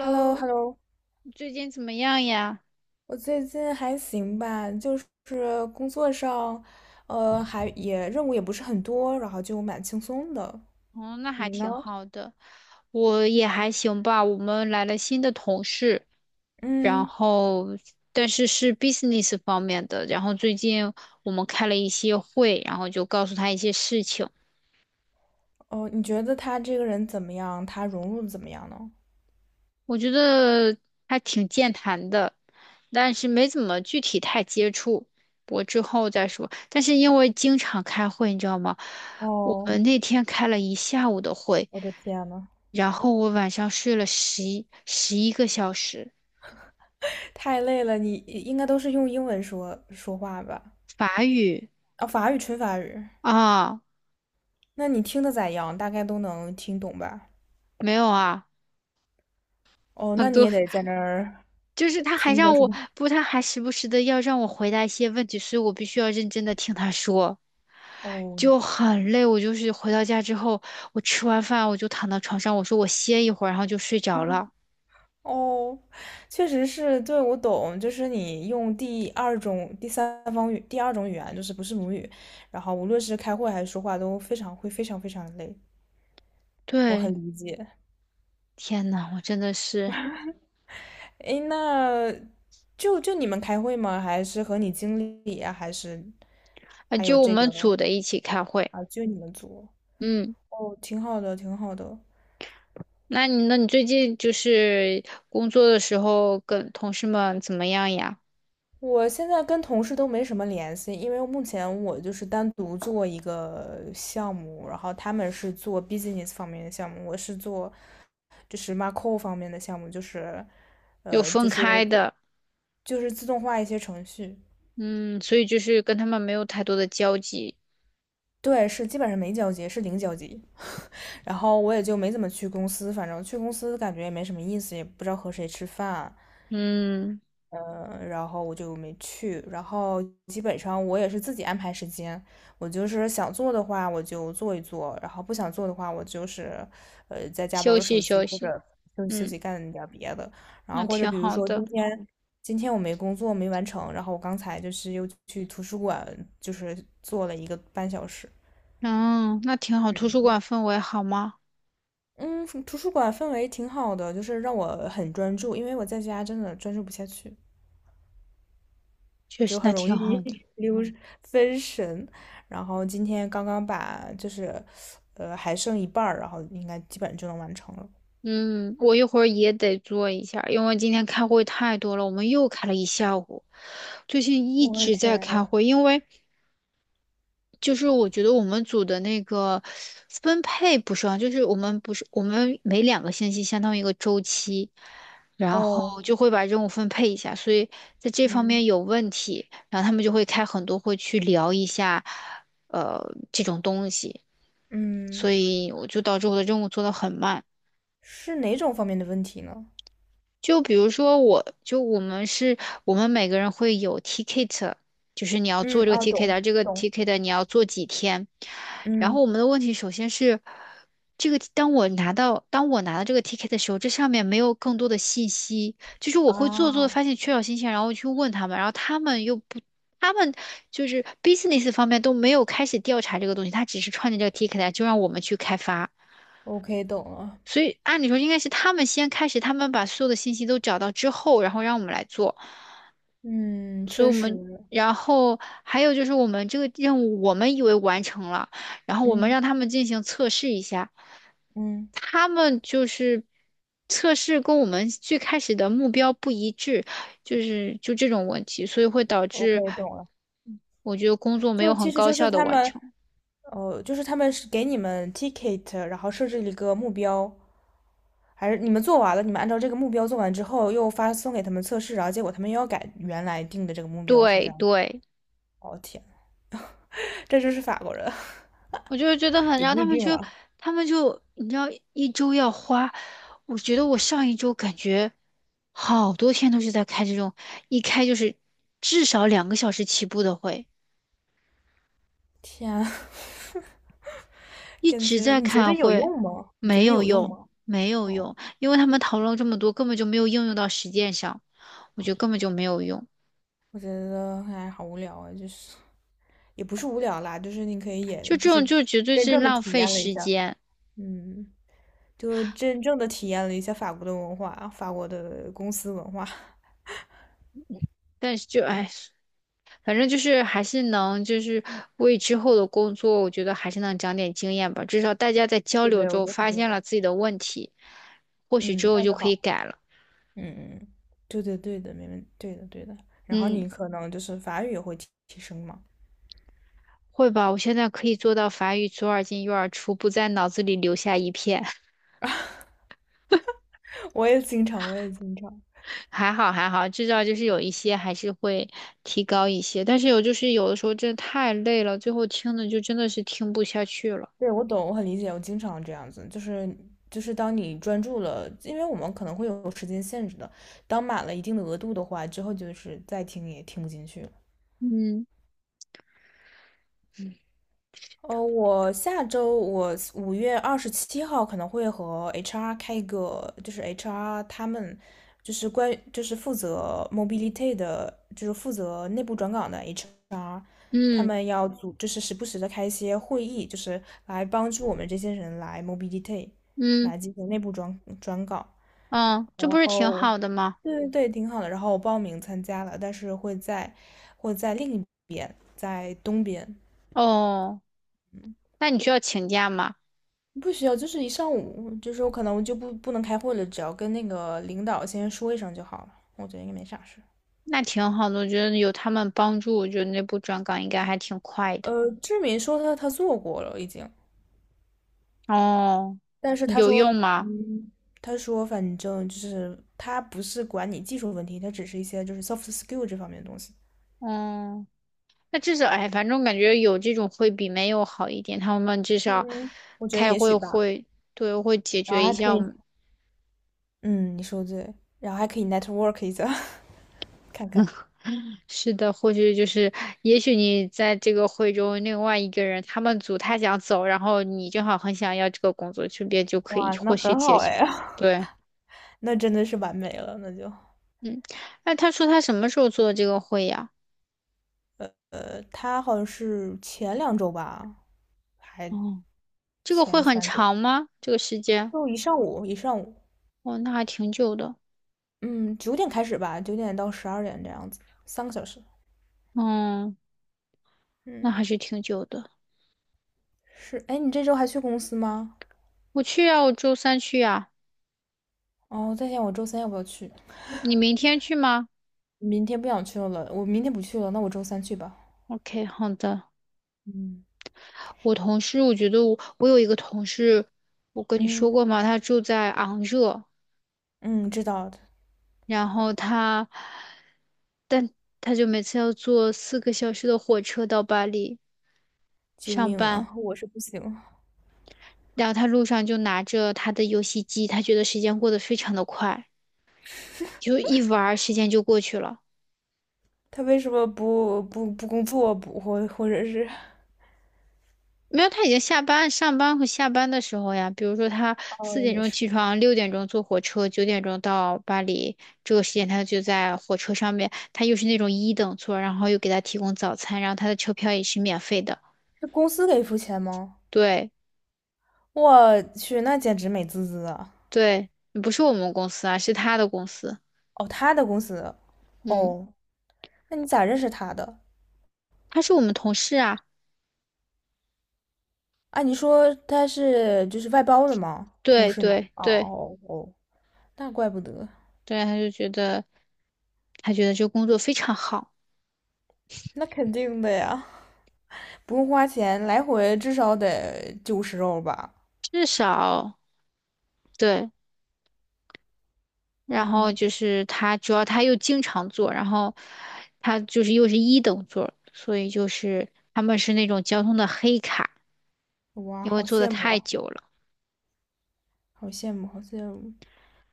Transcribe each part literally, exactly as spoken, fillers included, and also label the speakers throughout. Speaker 1: h e l l o h e l l o
Speaker 2: 你最近怎么样呀？
Speaker 1: 我最近还行吧，就是工作上，呃，还也任务也不是很多，然后就蛮轻松的。
Speaker 2: 哦，那还
Speaker 1: 你呢？
Speaker 2: 挺好的，我也还行吧。我们来了新的同事，然
Speaker 1: 嗯，
Speaker 2: 后但是是 business 方面的，然后最近我们开了一些会，然后就告诉他一些事情。
Speaker 1: 哦，你觉得他这个人怎么样？他融入的怎么样呢？
Speaker 2: 我觉得还挺健谈的，但是没怎么具体太接触。我之后再说。但是因为经常开会，你知道吗？我们
Speaker 1: 哦，
Speaker 2: 那天开了一下午的会，
Speaker 1: 我的天呐，
Speaker 2: 然后我晚上睡了十一十一个小时。
Speaker 1: 太累了，你应该都是用英文说说话吧？
Speaker 2: 法语
Speaker 1: 啊、法语纯法语，
Speaker 2: 啊，
Speaker 1: 那你听的咋样？大概都能听懂吧？
Speaker 2: 没有啊，
Speaker 1: 哦，
Speaker 2: 很
Speaker 1: 那你
Speaker 2: 多
Speaker 1: 也得在那儿
Speaker 2: 就是他还
Speaker 1: 听着
Speaker 2: 让
Speaker 1: 是
Speaker 2: 我
Speaker 1: 吗？
Speaker 2: 不，他还时不时的要让我回答一些问题，所以我必须要认真的听他说。
Speaker 1: 哦，
Speaker 2: 就很累。我就是回到家之后，我吃完饭我就躺到床上，我说我歇一会儿，然后就睡着了。
Speaker 1: 哦，确实是，对，我懂，就是你用第二种、第三方语、第二种语言，就是不是母语，然后无论是开会还是说话，都非常会非常非常累，我很
Speaker 2: 对，
Speaker 1: 理解。
Speaker 2: 天呐，我真的是
Speaker 1: 诶，那就就你们开会吗？还是和你经理啊？还是
Speaker 2: 啊，
Speaker 1: 还有
Speaker 2: 就我
Speaker 1: 这
Speaker 2: 们组
Speaker 1: 个
Speaker 2: 的一起开会。
Speaker 1: 啊？就你们组？
Speaker 2: 嗯，
Speaker 1: 哦，挺好的，挺好的。
Speaker 2: 那你那你最近就是工作的时候跟同事们怎么样呀？
Speaker 1: 我现在跟同事都没什么联系，因为目前我就是单独做一个项目，然后他们是做 business 方面的项目，我是做就是 macro 方面的项目，就是
Speaker 2: 有
Speaker 1: 呃
Speaker 2: 分
Speaker 1: 就是
Speaker 2: 开
Speaker 1: 自
Speaker 2: 的，
Speaker 1: 就是自动化一些程序。
Speaker 2: 嗯，所以就是跟他们没有太多的交集。
Speaker 1: 对，是基本上没交集，是零交集。然后我也就没怎么去公司，反正去公司感觉也没什么意思，也不知道和谁吃饭。
Speaker 2: 嗯，
Speaker 1: 嗯，然后我就没去。然后基本上我也是自己安排时间，我就是想做的话我就做一做，然后不想做的话我就是呃在家玩
Speaker 2: 休
Speaker 1: 玩
Speaker 2: 息
Speaker 1: 手机
Speaker 2: 休
Speaker 1: 或
Speaker 2: 息，
Speaker 1: 者休息休
Speaker 2: 嗯，
Speaker 1: 息干点儿别的。然后
Speaker 2: 那
Speaker 1: 或者
Speaker 2: 挺
Speaker 1: 比如
Speaker 2: 好
Speaker 1: 说
Speaker 2: 的。
Speaker 1: 今天今天我没工作没完成，然后我刚才就是又去图书馆就是做了一个半小时。
Speaker 2: 嗯，那挺好。图书馆氛围好吗？
Speaker 1: 嗯，图书馆氛围挺好的，就是让我很专注，因为我在家真的专注不下去。
Speaker 2: 确实，
Speaker 1: 就
Speaker 2: 那
Speaker 1: 很容
Speaker 2: 挺好
Speaker 1: 易
Speaker 2: 的。
Speaker 1: 溜分神。然后今天刚刚把就是，呃，还剩一半儿，然后应该基本就能完成了。
Speaker 2: 嗯，我一会儿也得做一下，因为今天开会太多了，我们又开了一下午，最近一
Speaker 1: 我的
Speaker 2: 直在开
Speaker 1: 天，
Speaker 2: 会，因为就是我觉得我们组的那个分配不是啊，就是我们不是我们每两个星期相当于一个周期，然后
Speaker 1: 哦，
Speaker 2: 就会把任务分配一下，所以在这方
Speaker 1: 嗯
Speaker 2: 面有问题，然后他们就会开很多会去聊一下，呃，这种东西，所
Speaker 1: 嗯，
Speaker 2: 以我就导致我的任务做得很慢。
Speaker 1: 是哪种方面的问题呢？
Speaker 2: 就比如说我，就我们是，我们每个人会有 ticket，就是你要做
Speaker 1: 嗯
Speaker 2: 这个
Speaker 1: 啊，懂
Speaker 2: ticket，这个
Speaker 1: 懂，
Speaker 2: ticket 你要做几天。然
Speaker 1: 嗯
Speaker 2: 后我们的问题首先是，这个当我拿到当我拿到这个 ticket 的时候，这上面没有更多的信息，就是我会做做的
Speaker 1: 啊
Speaker 2: 发现缺少信息，然后去问他们，然后他们又不，他们就是 business 方面都没有开始调查这个东西，他只是创建这个 ticket 就让我们去开发。
Speaker 1: ，OK，懂了。
Speaker 2: 所以按理说应该是他们先开始，他们把所有的信息都找到之后，然后让我们来做。
Speaker 1: 嗯，
Speaker 2: 所以
Speaker 1: 确
Speaker 2: 我
Speaker 1: 实，
Speaker 2: 们，然后还有就是我们这个任务，我们以为完成了，然后我们
Speaker 1: 嗯
Speaker 2: 让他们进行测试一下，
Speaker 1: 嗯
Speaker 2: 他们就是测试跟我们最开始的目标不一致，就是就这种问题，所以会导致
Speaker 1: ，OK，懂了。
Speaker 2: 我觉得工作没
Speaker 1: 就
Speaker 2: 有很
Speaker 1: 其实
Speaker 2: 高
Speaker 1: 就是
Speaker 2: 效的
Speaker 1: 他
Speaker 2: 完
Speaker 1: 们
Speaker 2: 成。
Speaker 1: 哦，就是他们是给你们 ticket，然后设置一个目标，还是你们做完了，你们按照这个目标做完之后，又发送给他们测试，然后结果他们又要改原来定的这个目标，是这
Speaker 2: 对
Speaker 1: 样？
Speaker 2: 对。
Speaker 1: 哦天，这就是法国人，
Speaker 2: 我就是觉得 很，
Speaker 1: 也
Speaker 2: 然后
Speaker 1: 不
Speaker 2: 他
Speaker 1: 一
Speaker 2: 们
Speaker 1: 定
Speaker 2: 就，
Speaker 1: 了。
Speaker 2: 他们就，你知道，一周要花，我觉得我上一周感觉好多天都是在开这种，一开就是至少两个小时起步的会，
Speaker 1: 天啊
Speaker 2: 一
Speaker 1: 感
Speaker 2: 直
Speaker 1: 觉
Speaker 2: 在
Speaker 1: 你觉
Speaker 2: 开
Speaker 1: 得有
Speaker 2: 会，
Speaker 1: 用吗？你觉
Speaker 2: 没
Speaker 1: 得
Speaker 2: 有
Speaker 1: 有用
Speaker 2: 用，
Speaker 1: 吗？
Speaker 2: 没有
Speaker 1: 哦，
Speaker 2: 用，因为他们讨论了这么多，根本就没有应用到实践上，我觉得根本就没有用，
Speaker 1: 我觉得哎，好无聊啊，就是也不是无聊啦，就是你可以也
Speaker 2: 就这
Speaker 1: 就
Speaker 2: 种
Speaker 1: 是
Speaker 2: 就绝对
Speaker 1: 真
Speaker 2: 是
Speaker 1: 正的
Speaker 2: 浪
Speaker 1: 体
Speaker 2: 费
Speaker 1: 验了一
Speaker 2: 时
Speaker 1: 下。
Speaker 2: 间，
Speaker 1: 嗯，就真正的体验了一下法国的文化，法国的公司文化。
Speaker 2: 但是就哎。反正就是还是能，就是为之后的工作，我觉得还是能长点经验吧。至少大家在交
Speaker 1: 对
Speaker 2: 流
Speaker 1: 对，我
Speaker 2: 中
Speaker 1: 觉得肯
Speaker 2: 发
Speaker 1: 定
Speaker 2: 现
Speaker 1: 的，
Speaker 2: 了自己的问题，或许之
Speaker 1: 嗯
Speaker 2: 后
Speaker 1: 那
Speaker 2: 就
Speaker 1: 就
Speaker 2: 可以
Speaker 1: 好。
Speaker 2: 改了。
Speaker 1: 嗯嗯，对对对的，没问对的对的。然后
Speaker 2: 嗯，
Speaker 1: 你可能就是法语也会提提升嘛，
Speaker 2: 会吧，我现在可以做到法语左耳进右耳出，不在脑子里留下一片。
Speaker 1: 我也经常，我也经常。
Speaker 2: 还好还好，至少就是有一些还是会提高一些，但是有就是有的时候真的太累了，最后听的就真的是听不下去了。
Speaker 1: 对，我懂，我很理解，我经常这样子，就是就是当你专注了，因为我们可能会有时间限制的，当满了一定的额度的话，之后就是再听也听不进去了。
Speaker 2: 嗯
Speaker 1: 呃，我下周我五月二十七号可能会和 H R 开一个，就是 H R 他们就是关于就是负责 mobility 的，就是负责内部转岗的 H R，他
Speaker 2: 嗯
Speaker 1: 们要组就是时不时的开一些会议，就是来帮助我们这些人来 mobility，
Speaker 2: 嗯
Speaker 1: 来进行内部转转岗。
Speaker 2: 嗯，这
Speaker 1: 然
Speaker 2: 不是挺
Speaker 1: 后，
Speaker 2: 好的吗？
Speaker 1: 对对对，挺好的。然后我报名参加了，但是会在会在另一在东边。
Speaker 2: 哦。
Speaker 1: 嗯，
Speaker 2: 那你需要请假吗？
Speaker 1: 不需要，就是一上午，就是我可能就不不能开会了，只要跟那个领导先说一声就好了。我觉得应该没啥事。
Speaker 2: 那挺好的，我觉得有他们帮助，我觉得那部转岗应该还挺快的。
Speaker 1: 呃，志敏说他他做过了已经，
Speaker 2: 哦，
Speaker 1: 但是他
Speaker 2: 有
Speaker 1: 说，
Speaker 2: 用吗？
Speaker 1: 嗯，他说反正就是他不是管你技术问题，他只是一些就是 soft skill 这方面的东西。
Speaker 2: 嗯，那至少哎，反正我感觉有这种会比没有好一点。他们至
Speaker 1: 嗯，
Speaker 2: 少
Speaker 1: 我觉得
Speaker 2: 开
Speaker 1: 也许
Speaker 2: 会
Speaker 1: 吧。
Speaker 2: 会对会解
Speaker 1: 然
Speaker 2: 决
Speaker 1: 后
Speaker 2: 一
Speaker 1: 还可
Speaker 2: 下我
Speaker 1: 以，
Speaker 2: 们
Speaker 1: 嗯，你说对，然后还可以 network 一下，看看。
Speaker 2: 是的，或许就是也许你在这个会中，另外一个人他们组他想走，然后你正好很想要这个工作，顺便就可以
Speaker 1: 哇，那
Speaker 2: 或许
Speaker 1: 很
Speaker 2: 解
Speaker 1: 好
Speaker 2: 决。
Speaker 1: 哎，
Speaker 2: 对，
Speaker 1: 那真的是完美了，那就。
Speaker 2: 嗯，那他说他什么时候做这个会呀？
Speaker 1: 呃，他好像是前两周吧，还
Speaker 2: 哦，这个会
Speaker 1: 前
Speaker 2: 很
Speaker 1: 三周，
Speaker 2: 长吗？这个时间？
Speaker 1: 就一上午一上午，
Speaker 2: 哦，那还挺久的。
Speaker 1: 嗯，九点开始吧，九点到十二点这样子，三个小时。
Speaker 2: 嗯，那
Speaker 1: 嗯，
Speaker 2: 还是挺久的。
Speaker 1: 是，哎，你这周还去公司吗？
Speaker 2: 我去啊，我周三去啊。
Speaker 1: 哦，我在想我周三要不要去，
Speaker 2: 你明天去吗
Speaker 1: 明天不想去了，我明天不去了，那我周三去吧。
Speaker 2: ？OK，好的。
Speaker 1: 嗯
Speaker 2: 我同事，我觉得我我有一个同事，我跟你说
Speaker 1: 嗯
Speaker 2: 过吗？他住在昂热，
Speaker 1: 嗯，知道的。
Speaker 2: 然后他他就每次要坐四个小时的火车到巴黎
Speaker 1: 救
Speaker 2: 上
Speaker 1: 命
Speaker 2: 班，
Speaker 1: 啊！我是不行。
Speaker 2: 然后他路上就拿着他的游戏机，他觉得时间过得非常的快，就一玩儿时间就过去了。
Speaker 1: 他为什么不不不工作不或或者是？
Speaker 2: 没有，他已经下班，上班和下班的时候呀，比如说他四
Speaker 1: 哦，
Speaker 2: 点
Speaker 1: 也
Speaker 2: 钟起
Speaker 1: 是，
Speaker 2: 床，六点钟坐火车，九点钟到巴黎，这个时间他就在火车上面，他又是那种一等座，然后又给他提供早餐，然后他的车票也是免费的。
Speaker 1: 是公司给付钱吗？
Speaker 2: 对
Speaker 1: 我去，那简直美滋滋啊！
Speaker 2: 对，不是我们公司啊，是他的公司。
Speaker 1: 哦，他的公司，
Speaker 2: 嗯，
Speaker 1: 哦，那你咋认识他的？
Speaker 2: 他是我们同事啊。
Speaker 1: 啊，你说他是就是外包的吗？同
Speaker 2: 对
Speaker 1: 事吗？
Speaker 2: 对
Speaker 1: 哦
Speaker 2: 对
Speaker 1: 哦哦，那怪不得，
Speaker 2: 对，他就觉得他觉得这工作非常好，
Speaker 1: 那肯定的呀，不用花钱，来回至少得九十欧吧？
Speaker 2: 至少对。然后
Speaker 1: 嗯，
Speaker 2: 就是他，主要他又经常坐，然后他就是又是一等座，所以就是他们是那种交通的黑卡，
Speaker 1: 哇，
Speaker 2: 因为
Speaker 1: 好
Speaker 2: 坐的
Speaker 1: 羡慕
Speaker 2: 太
Speaker 1: 啊，
Speaker 2: 久了。
Speaker 1: 好羡慕，好羡慕。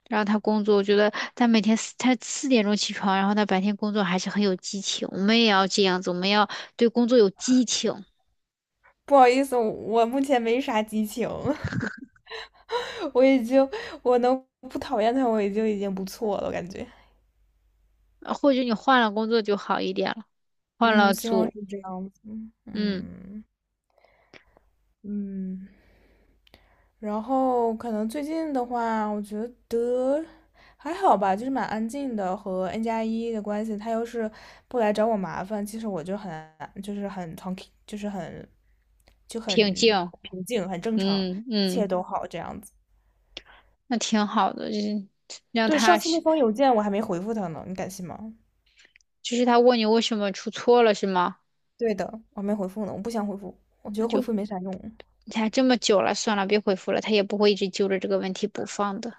Speaker 2: 然后他工作，我觉得他每天四他四点钟起床，然后他白天工作还是很有激情。我们也要这样子，我们要对工作有激情，
Speaker 1: 不好意思，我目前没啥激情，我已经我能不讨厌他，我已经已经不错了，我感觉。
Speaker 2: 呃或者你换了工作就好一点了，换
Speaker 1: 嗯，
Speaker 2: 了
Speaker 1: 希望
Speaker 2: 组，
Speaker 1: 是这样子。嗯。
Speaker 2: 嗯，
Speaker 1: 嗯嗯，然后可能最近的话，我觉得还好吧，就是蛮安静的，和 N 加一的关系，他要是不来找我麻烦，其实我就很就是很 t a 就是很就
Speaker 2: 平
Speaker 1: 很
Speaker 2: 静，
Speaker 1: 平静，很正常，
Speaker 2: 嗯
Speaker 1: 一
Speaker 2: 嗯，
Speaker 1: 切都好这样子。
Speaker 2: 那挺好的，就是让
Speaker 1: 对，上
Speaker 2: 他，
Speaker 1: 次那封邮件我还没回复他呢，你敢信吗？
Speaker 2: 就是他问你为什么出错了是吗？
Speaker 1: 对的，我还没回复呢，我不想回复，我觉
Speaker 2: 那
Speaker 1: 得回
Speaker 2: 就。
Speaker 1: 复没啥用。
Speaker 2: 你看这么久了，算了，别回复了，他也不会一直揪着这个问题不放的。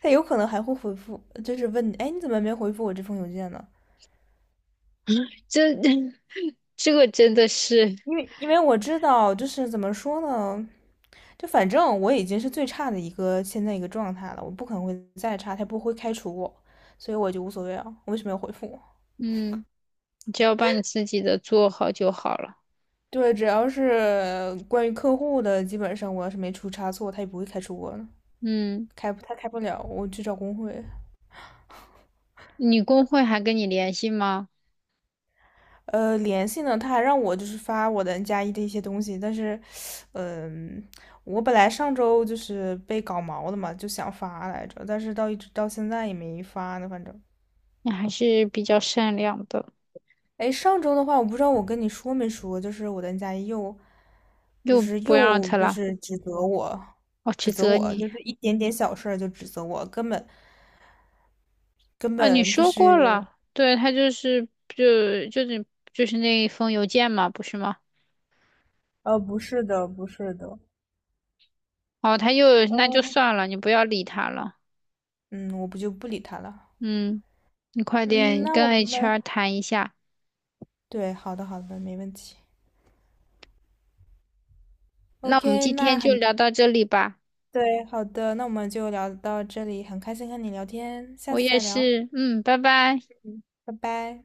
Speaker 1: 他有可能还会回复，就是问你，哎，你怎么没回复我这封邮件呢？
Speaker 2: 这 这个真的是，
Speaker 1: 因为因为我知道，就是怎么说呢，就反正我已经是最差的一个现在一个状态了，我不可能会再差，他也不会开除我，所以我就无所谓啊，我为什么要回复
Speaker 2: 嗯，你只要把你自己的做好就好了。
Speaker 1: 对，只要是关于客户的，基本上我要是没出差错，他也不会开除我的，
Speaker 2: 嗯，
Speaker 1: 开他开不了，我去找工会。
Speaker 2: 你工会还跟你联系吗？
Speaker 1: 呃，联系呢，他还让我就是发我的 N 加一的一些东西，但是，嗯、我本来上周就是被搞毛的嘛，就想发来着，但是到一直到现在也没发呢，反正
Speaker 2: 你还是比较善良的，
Speaker 1: 哎，上周的话，我不知道我跟你说没说，就是我的 N 加一又，就
Speaker 2: 又
Speaker 1: 是
Speaker 2: 不让
Speaker 1: 又
Speaker 2: 他
Speaker 1: 就
Speaker 2: 了，
Speaker 1: 是指责我，
Speaker 2: 我
Speaker 1: 指
Speaker 2: 指
Speaker 1: 责
Speaker 2: 责
Speaker 1: 我，
Speaker 2: 你
Speaker 1: 就是一点点小事儿就指责我，根本根
Speaker 2: 啊！你
Speaker 1: 本就
Speaker 2: 说过
Speaker 1: 是，
Speaker 2: 了，对他就是就就是就是那一封邮件嘛，不是吗？
Speaker 1: 呃，不是的，不是的，
Speaker 2: 哦，他又那就
Speaker 1: 嗯
Speaker 2: 算了，你不要理他了。
Speaker 1: 嗯，我不就不理他了。
Speaker 2: 嗯，你快
Speaker 1: 嗯，
Speaker 2: 点
Speaker 1: 那我
Speaker 2: 跟
Speaker 1: 们
Speaker 2: H R 谈一下。
Speaker 1: 对，好的好的，没问题。
Speaker 2: 那我们
Speaker 1: OK，
Speaker 2: 今
Speaker 1: 那
Speaker 2: 天就
Speaker 1: 很
Speaker 2: 聊到这里吧。
Speaker 1: 对，好的，那我们就聊到这里，很开心和你聊天，下
Speaker 2: 我
Speaker 1: 次
Speaker 2: 也
Speaker 1: 再聊，
Speaker 2: 是，嗯，拜拜。
Speaker 1: 拜拜。